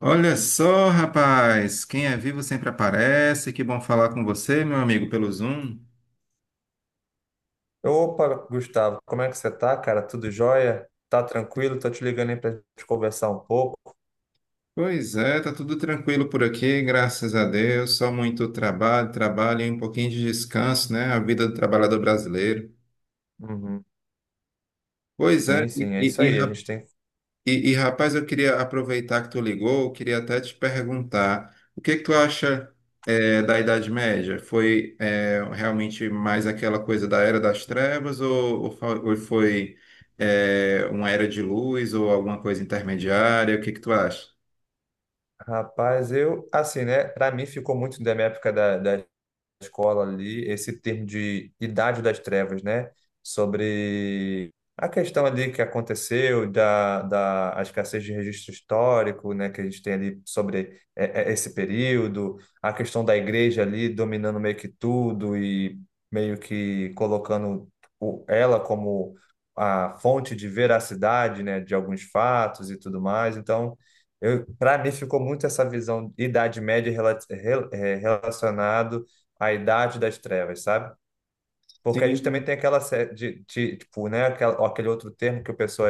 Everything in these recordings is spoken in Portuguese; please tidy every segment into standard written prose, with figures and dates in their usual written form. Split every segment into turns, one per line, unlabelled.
Olha só, rapaz, quem é vivo sempre aparece. Que bom falar com você, meu amigo, pelo Zoom.
Opa, Gustavo, como é que você tá, cara? Tudo jóia? Tá tranquilo? Tô te ligando aí pra gente conversar um pouco.
Pois é, tá tudo tranquilo por aqui, graças a Deus. Só muito trabalho, trabalho e um pouquinho de descanso, né? A vida do trabalhador brasileiro.
Uhum.
Pois é.
Sim,
e,
sim, é
e-
isso
e,
aí. A gente tem.
E, e, rapaz, eu queria aproveitar que tu ligou, eu queria até te perguntar, o que que tu acha da Idade Média? Foi realmente mais aquela coisa da Era das Trevas ou foi uma Era de Luz ou alguma coisa intermediária? O que que tu acha?
Rapaz, eu, assim, né? Pra mim ficou muito da minha época da escola ali, esse termo de Idade das Trevas, né? Sobre a questão ali que aconteceu da, da a escassez de registro histórico, né? Que a gente tem ali sobre esse período, a questão da igreja ali dominando meio que tudo e meio que colocando ela como a fonte de veracidade, né? De alguns fatos e tudo mais. Então, para mim ficou muito essa visão de Idade Média relacionado a Idade das Trevas, sabe? Porque a gente também
Sim.
tem aquela série tipo, né, aquele outro termo que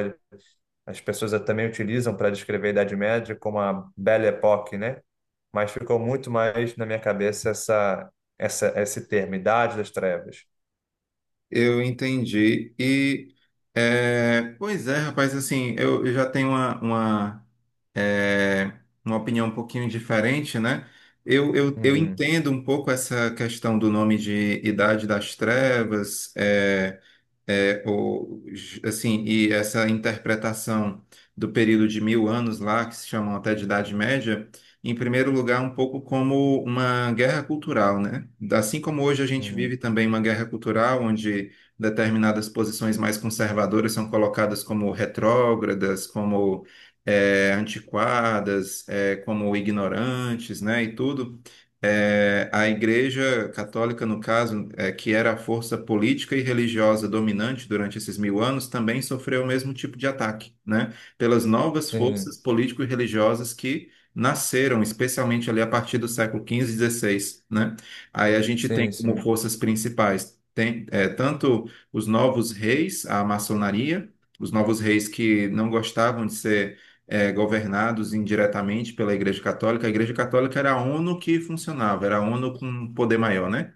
as pessoas também utilizam para descrever a Idade Média como a Belle Époque, né? Mas ficou muito mais na minha cabeça esse termo, Idade das Trevas.
Eu entendi. E, pois é, rapaz, assim, eu já tenho uma, é, uma opinião um pouquinho diferente, né? Eu
Uhum,
entendo um pouco essa questão do nome de Idade das Trevas. É, o, assim, e essa interpretação do período de mil anos lá, que se chamam até de Idade Média, em primeiro lugar, um pouco como uma guerra cultural, né? Assim como hoje a gente
uhum.
vive também uma guerra cultural, onde determinadas posições mais conservadoras são colocadas como retrógradas, como antiquadas, como ignorantes, né? E tudo. É, a Igreja Católica, no caso, que era a força política e religiosa dominante durante esses mil anos, também sofreu o mesmo tipo de ataque, né? Pelas novas forças
Sim,
político e religiosas que nasceram, especialmente ali a partir do século XV e XVI, né? Aí a gente tem
sim,
como
sim.
forças principais tem, tanto os novos reis, a maçonaria, os novos reis que não gostavam de ser governados indiretamente pela Igreja Católica. A Igreja Católica era a ONU que funcionava, era a ONU com um poder maior, né?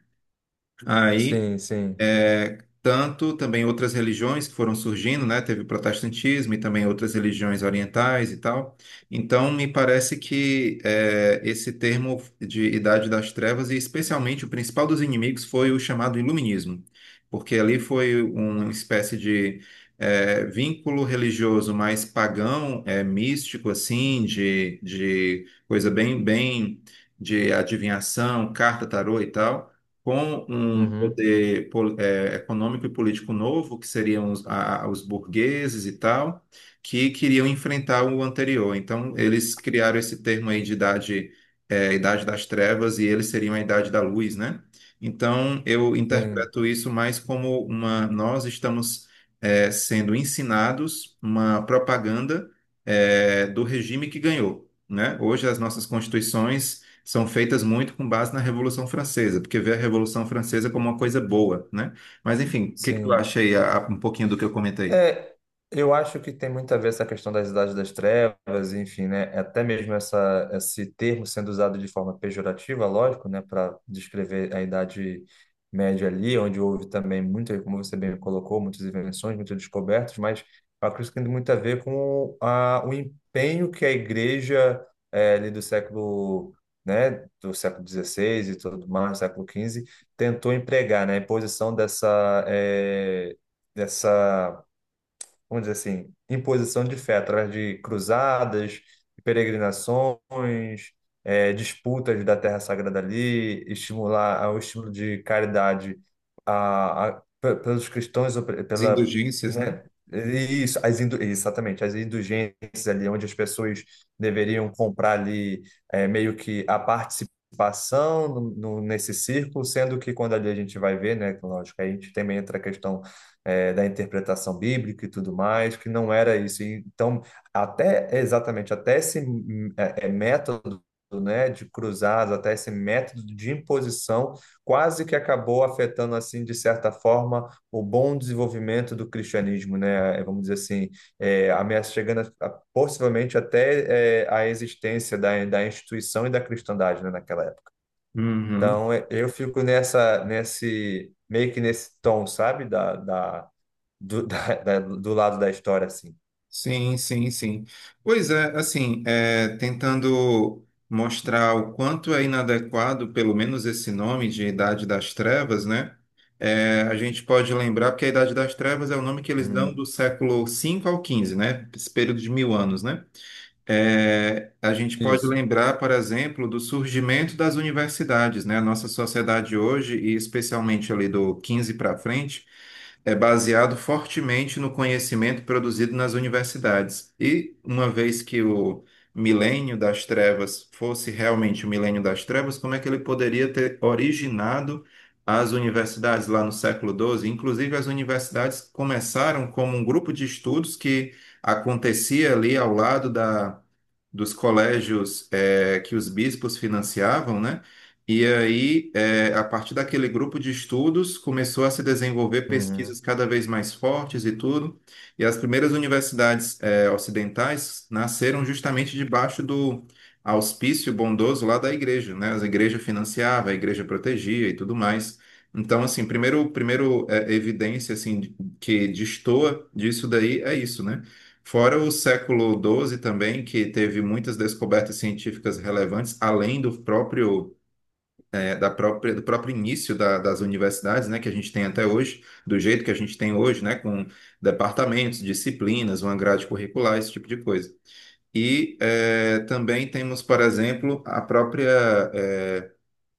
Aí
Sim, sim.
tanto também outras religiões que foram surgindo, né? Teve o protestantismo e também outras religiões orientais e tal. Então, me parece que esse termo de Idade das Trevas, e especialmente o principal dos inimigos, foi o chamado Iluminismo, porque ali foi uma espécie de vínculo religioso mais pagão, místico, assim, de coisa bem, bem de adivinhação, carta, tarô e tal com um
Uhum.
poder econômico e político novo, que seriam os burgueses e tal, que queriam enfrentar o anterior. Então, eles criaram esse termo aí de idade das trevas, e eles seriam a idade da luz, né? Então, eu
Sim,
interpreto isso mais como nós estamos, sendo ensinados uma propaganda, do regime que ganhou. Né? Hoje as nossas constituições são feitas muito com base na Revolução Francesa, porque vê a Revolução Francesa como uma coisa boa, né? Mas enfim, o que que tu
sim.
acha aí, um pouquinho do que eu comentei?
É, eu acho que tem muito a ver essa questão das idades das trevas, enfim, né? Até mesmo esse termo sendo usado de forma pejorativa, lógico, né? Para descrever a idade média ali, onde houve também muito, como você bem colocou, muitas invenções, muitas descobertas, mas eu acredito que tem muito a ver com o empenho que a igreja ali do século, né? Do século XVI e tudo mais, século XV, tentou empregar, né? A imposição dessa vamos dizer assim, imposição de fé através de cruzadas, peregrinações, disputas da terra sagrada ali, estimular ao estímulo de caridade pelos cristãos, ou
As
pela,
indulgências, né?
né, isso, exatamente, as indulgências ali, onde as pessoas deveriam comprar ali meio que a participação nesse círculo, sendo que quando ali a gente vai ver, né, que, lógico, aí a gente também entra a questão da interpretação bíblica e tudo mais, que não era isso. E então, até exatamente, até esse método, né, de cruzados, até esse método de imposição, quase que acabou afetando, assim, de certa forma, o bom desenvolvimento do cristianismo, né? É, vamos dizer assim, é, ameaça chegando a, possivelmente até é, a existência da instituição e da cristandade, né, naquela época.
Uhum.
Então, eu fico meio que nesse tom, sabe? Do lado da história, assim.
Sim, sim, sim. Pois é, assim, é, tentando mostrar o quanto é inadequado, pelo menos esse nome de Idade das Trevas, né? É, a gente pode lembrar, porque a Idade das Trevas é o nome que eles dão do
Uhum.
século V ao XV, né? Esse período de mil anos, né? É, a gente pode
Isso.
lembrar, por exemplo, do surgimento das universidades, né? A nossa sociedade hoje, e especialmente ali do XV para frente, é baseado fortemente no conhecimento produzido nas universidades. E uma vez que o milênio das trevas fosse realmente o milênio das trevas, como é que ele poderia ter originado as universidades lá no século XII? Inclusive, as universidades começaram como um grupo de estudos que acontecia ali ao lado da dos colégios que os bispos financiavam, né? E aí, a partir daquele grupo de estudos, começou a se desenvolver
Uhum.
pesquisas cada vez mais fortes e tudo. E as primeiras universidades ocidentais nasceram justamente debaixo do auspício bondoso lá da igreja, né? As igrejas financiavam, a igreja protegia e tudo mais. Então, assim, primeiro evidência assim que destoa disso daí é isso, né? Fora o século XII também, que teve muitas descobertas científicas relevantes, além do próprio início das universidades, né, que a gente tem até hoje, do jeito que a gente tem hoje, né, com departamentos, disciplinas, uma grade curricular, esse tipo de coisa. E também temos, por exemplo,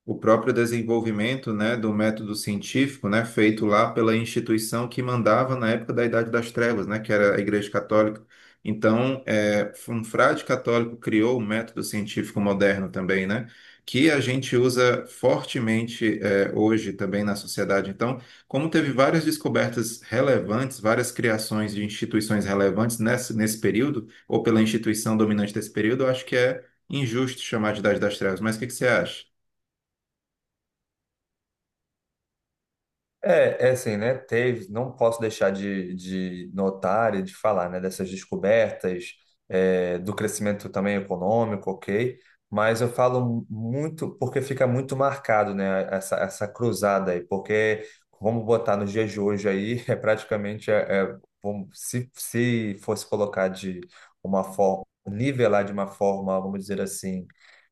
o próprio desenvolvimento, né, do método científico, né, feito lá pela instituição que mandava na época da Idade das Trevas, né, que era a Igreja Católica. Então, um frade católico criou o método científico moderno também, né, que a gente usa fortemente hoje também na sociedade. Então, como teve várias descobertas relevantes, várias criações de instituições relevantes nesse período, ou pela instituição dominante desse período, eu acho que é injusto chamar de Idade das Trevas. Mas o que que você acha?
É, é assim, né? Teve, não posso deixar de notar e de falar, né, dessas descobertas, é, do crescimento também econômico, ok? Mas eu falo muito porque fica muito marcado, né, essa cruzada aí, porque vamos botar nos dias de hoje aí, é praticamente, é, se fosse colocar de uma forma, nivelar de uma forma, vamos dizer assim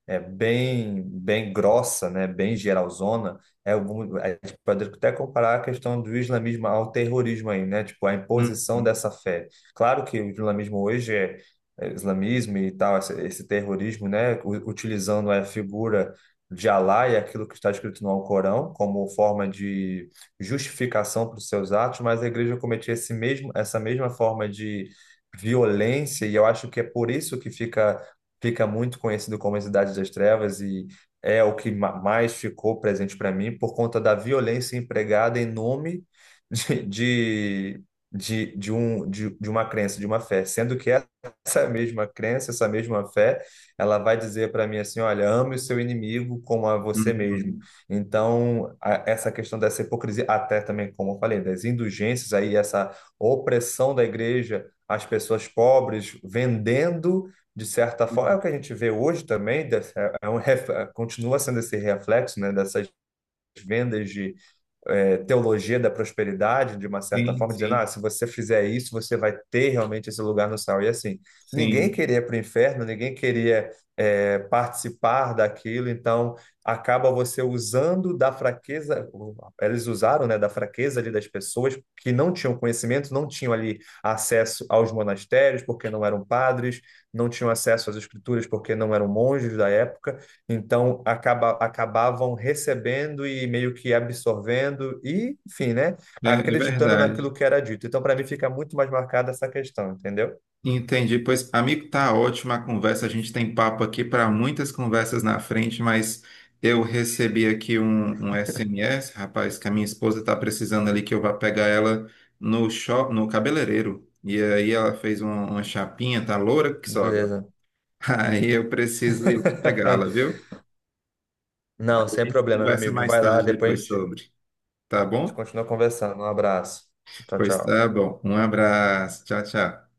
é bem bem grossa, né, bem geralzona, é, a gente pode até comparar a questão do islamismo ao terrorismo aí, né, tipo a imposição
Uhum,
dessa fé. Claro que o islamismo hoje é islamismo e tal, esse terrorismo, né, utilizando a figura de Alá e aquilo que está escrito no Alcorão como forma de justificação para os seus atos, mas a igreja cometia essa mesma forma de violência, e eu acho que é por isso que fica muito conhecido como a Cidade das Trevas e é o que mais ficou presente para mim por conta da violência empregada em nome de, de, de uma crença, de uma fé, sendo que essa mesma crença, essa mesma fé, ela vai dizer para mim assim, olha, ame o seu inimigo como a você mesmo.
uhum,
Então, essa questão dessa hipocrisia, até também, como eu falei, das indulgências aí, essa opressão da igreja às pessoas pobres, vendendo de certa forma, é o
uhum.
que a gente vê hoje também, continua sendo esse reflexo, né, dessas vendas de é, teologia da prosperidade, de uma certa
Sim,
forma, dizendo, ah,
sim,
se você fizer isso, você vai ter realmente esse lugar no céu. E assim, ninguém
sim.
queria ir para o inferno, ninguém queria é, participar daquilo, então acaba você usando da fraqueza, eles usaram, né, da fraqueza ali das pessoas que não tinham conhecimento, não tinham ali acesso aos monastérios, porque não eram padres, não tinham acesso às escrituras, porque não eram monges da época, então, acabavam recebendo e meio que absorvendo e, enfim, né?
É, é
Acreditando
verdade.
naquilo que era dito. Então, para mim, fica muito mais marcada essa questão, entendeu?
Entendi. Pois, amigo, tá ótima a conversa. A gente tem papo aqui para muitas conversas na frente, mas eu recebi aqui um SMS, rapaz, que a minha esposa tá precisando ali que eu vá pegar ela no shop, no cabeleireiro. E aí ela fez uma chapinha, tá loura que só agora.
Beleza.
Aí eu preciso ir lá pegá-la, viu? A
Não, sem
gente
problema, meu
conversa
amigo.
mais
Vai lá,
tarde
depois a
depois
gente
sobre, tá bom?
continua conversando. Um abraço. Tchau,
Pois tá
tchau.
bom. Um abraço. Tchau, tchau.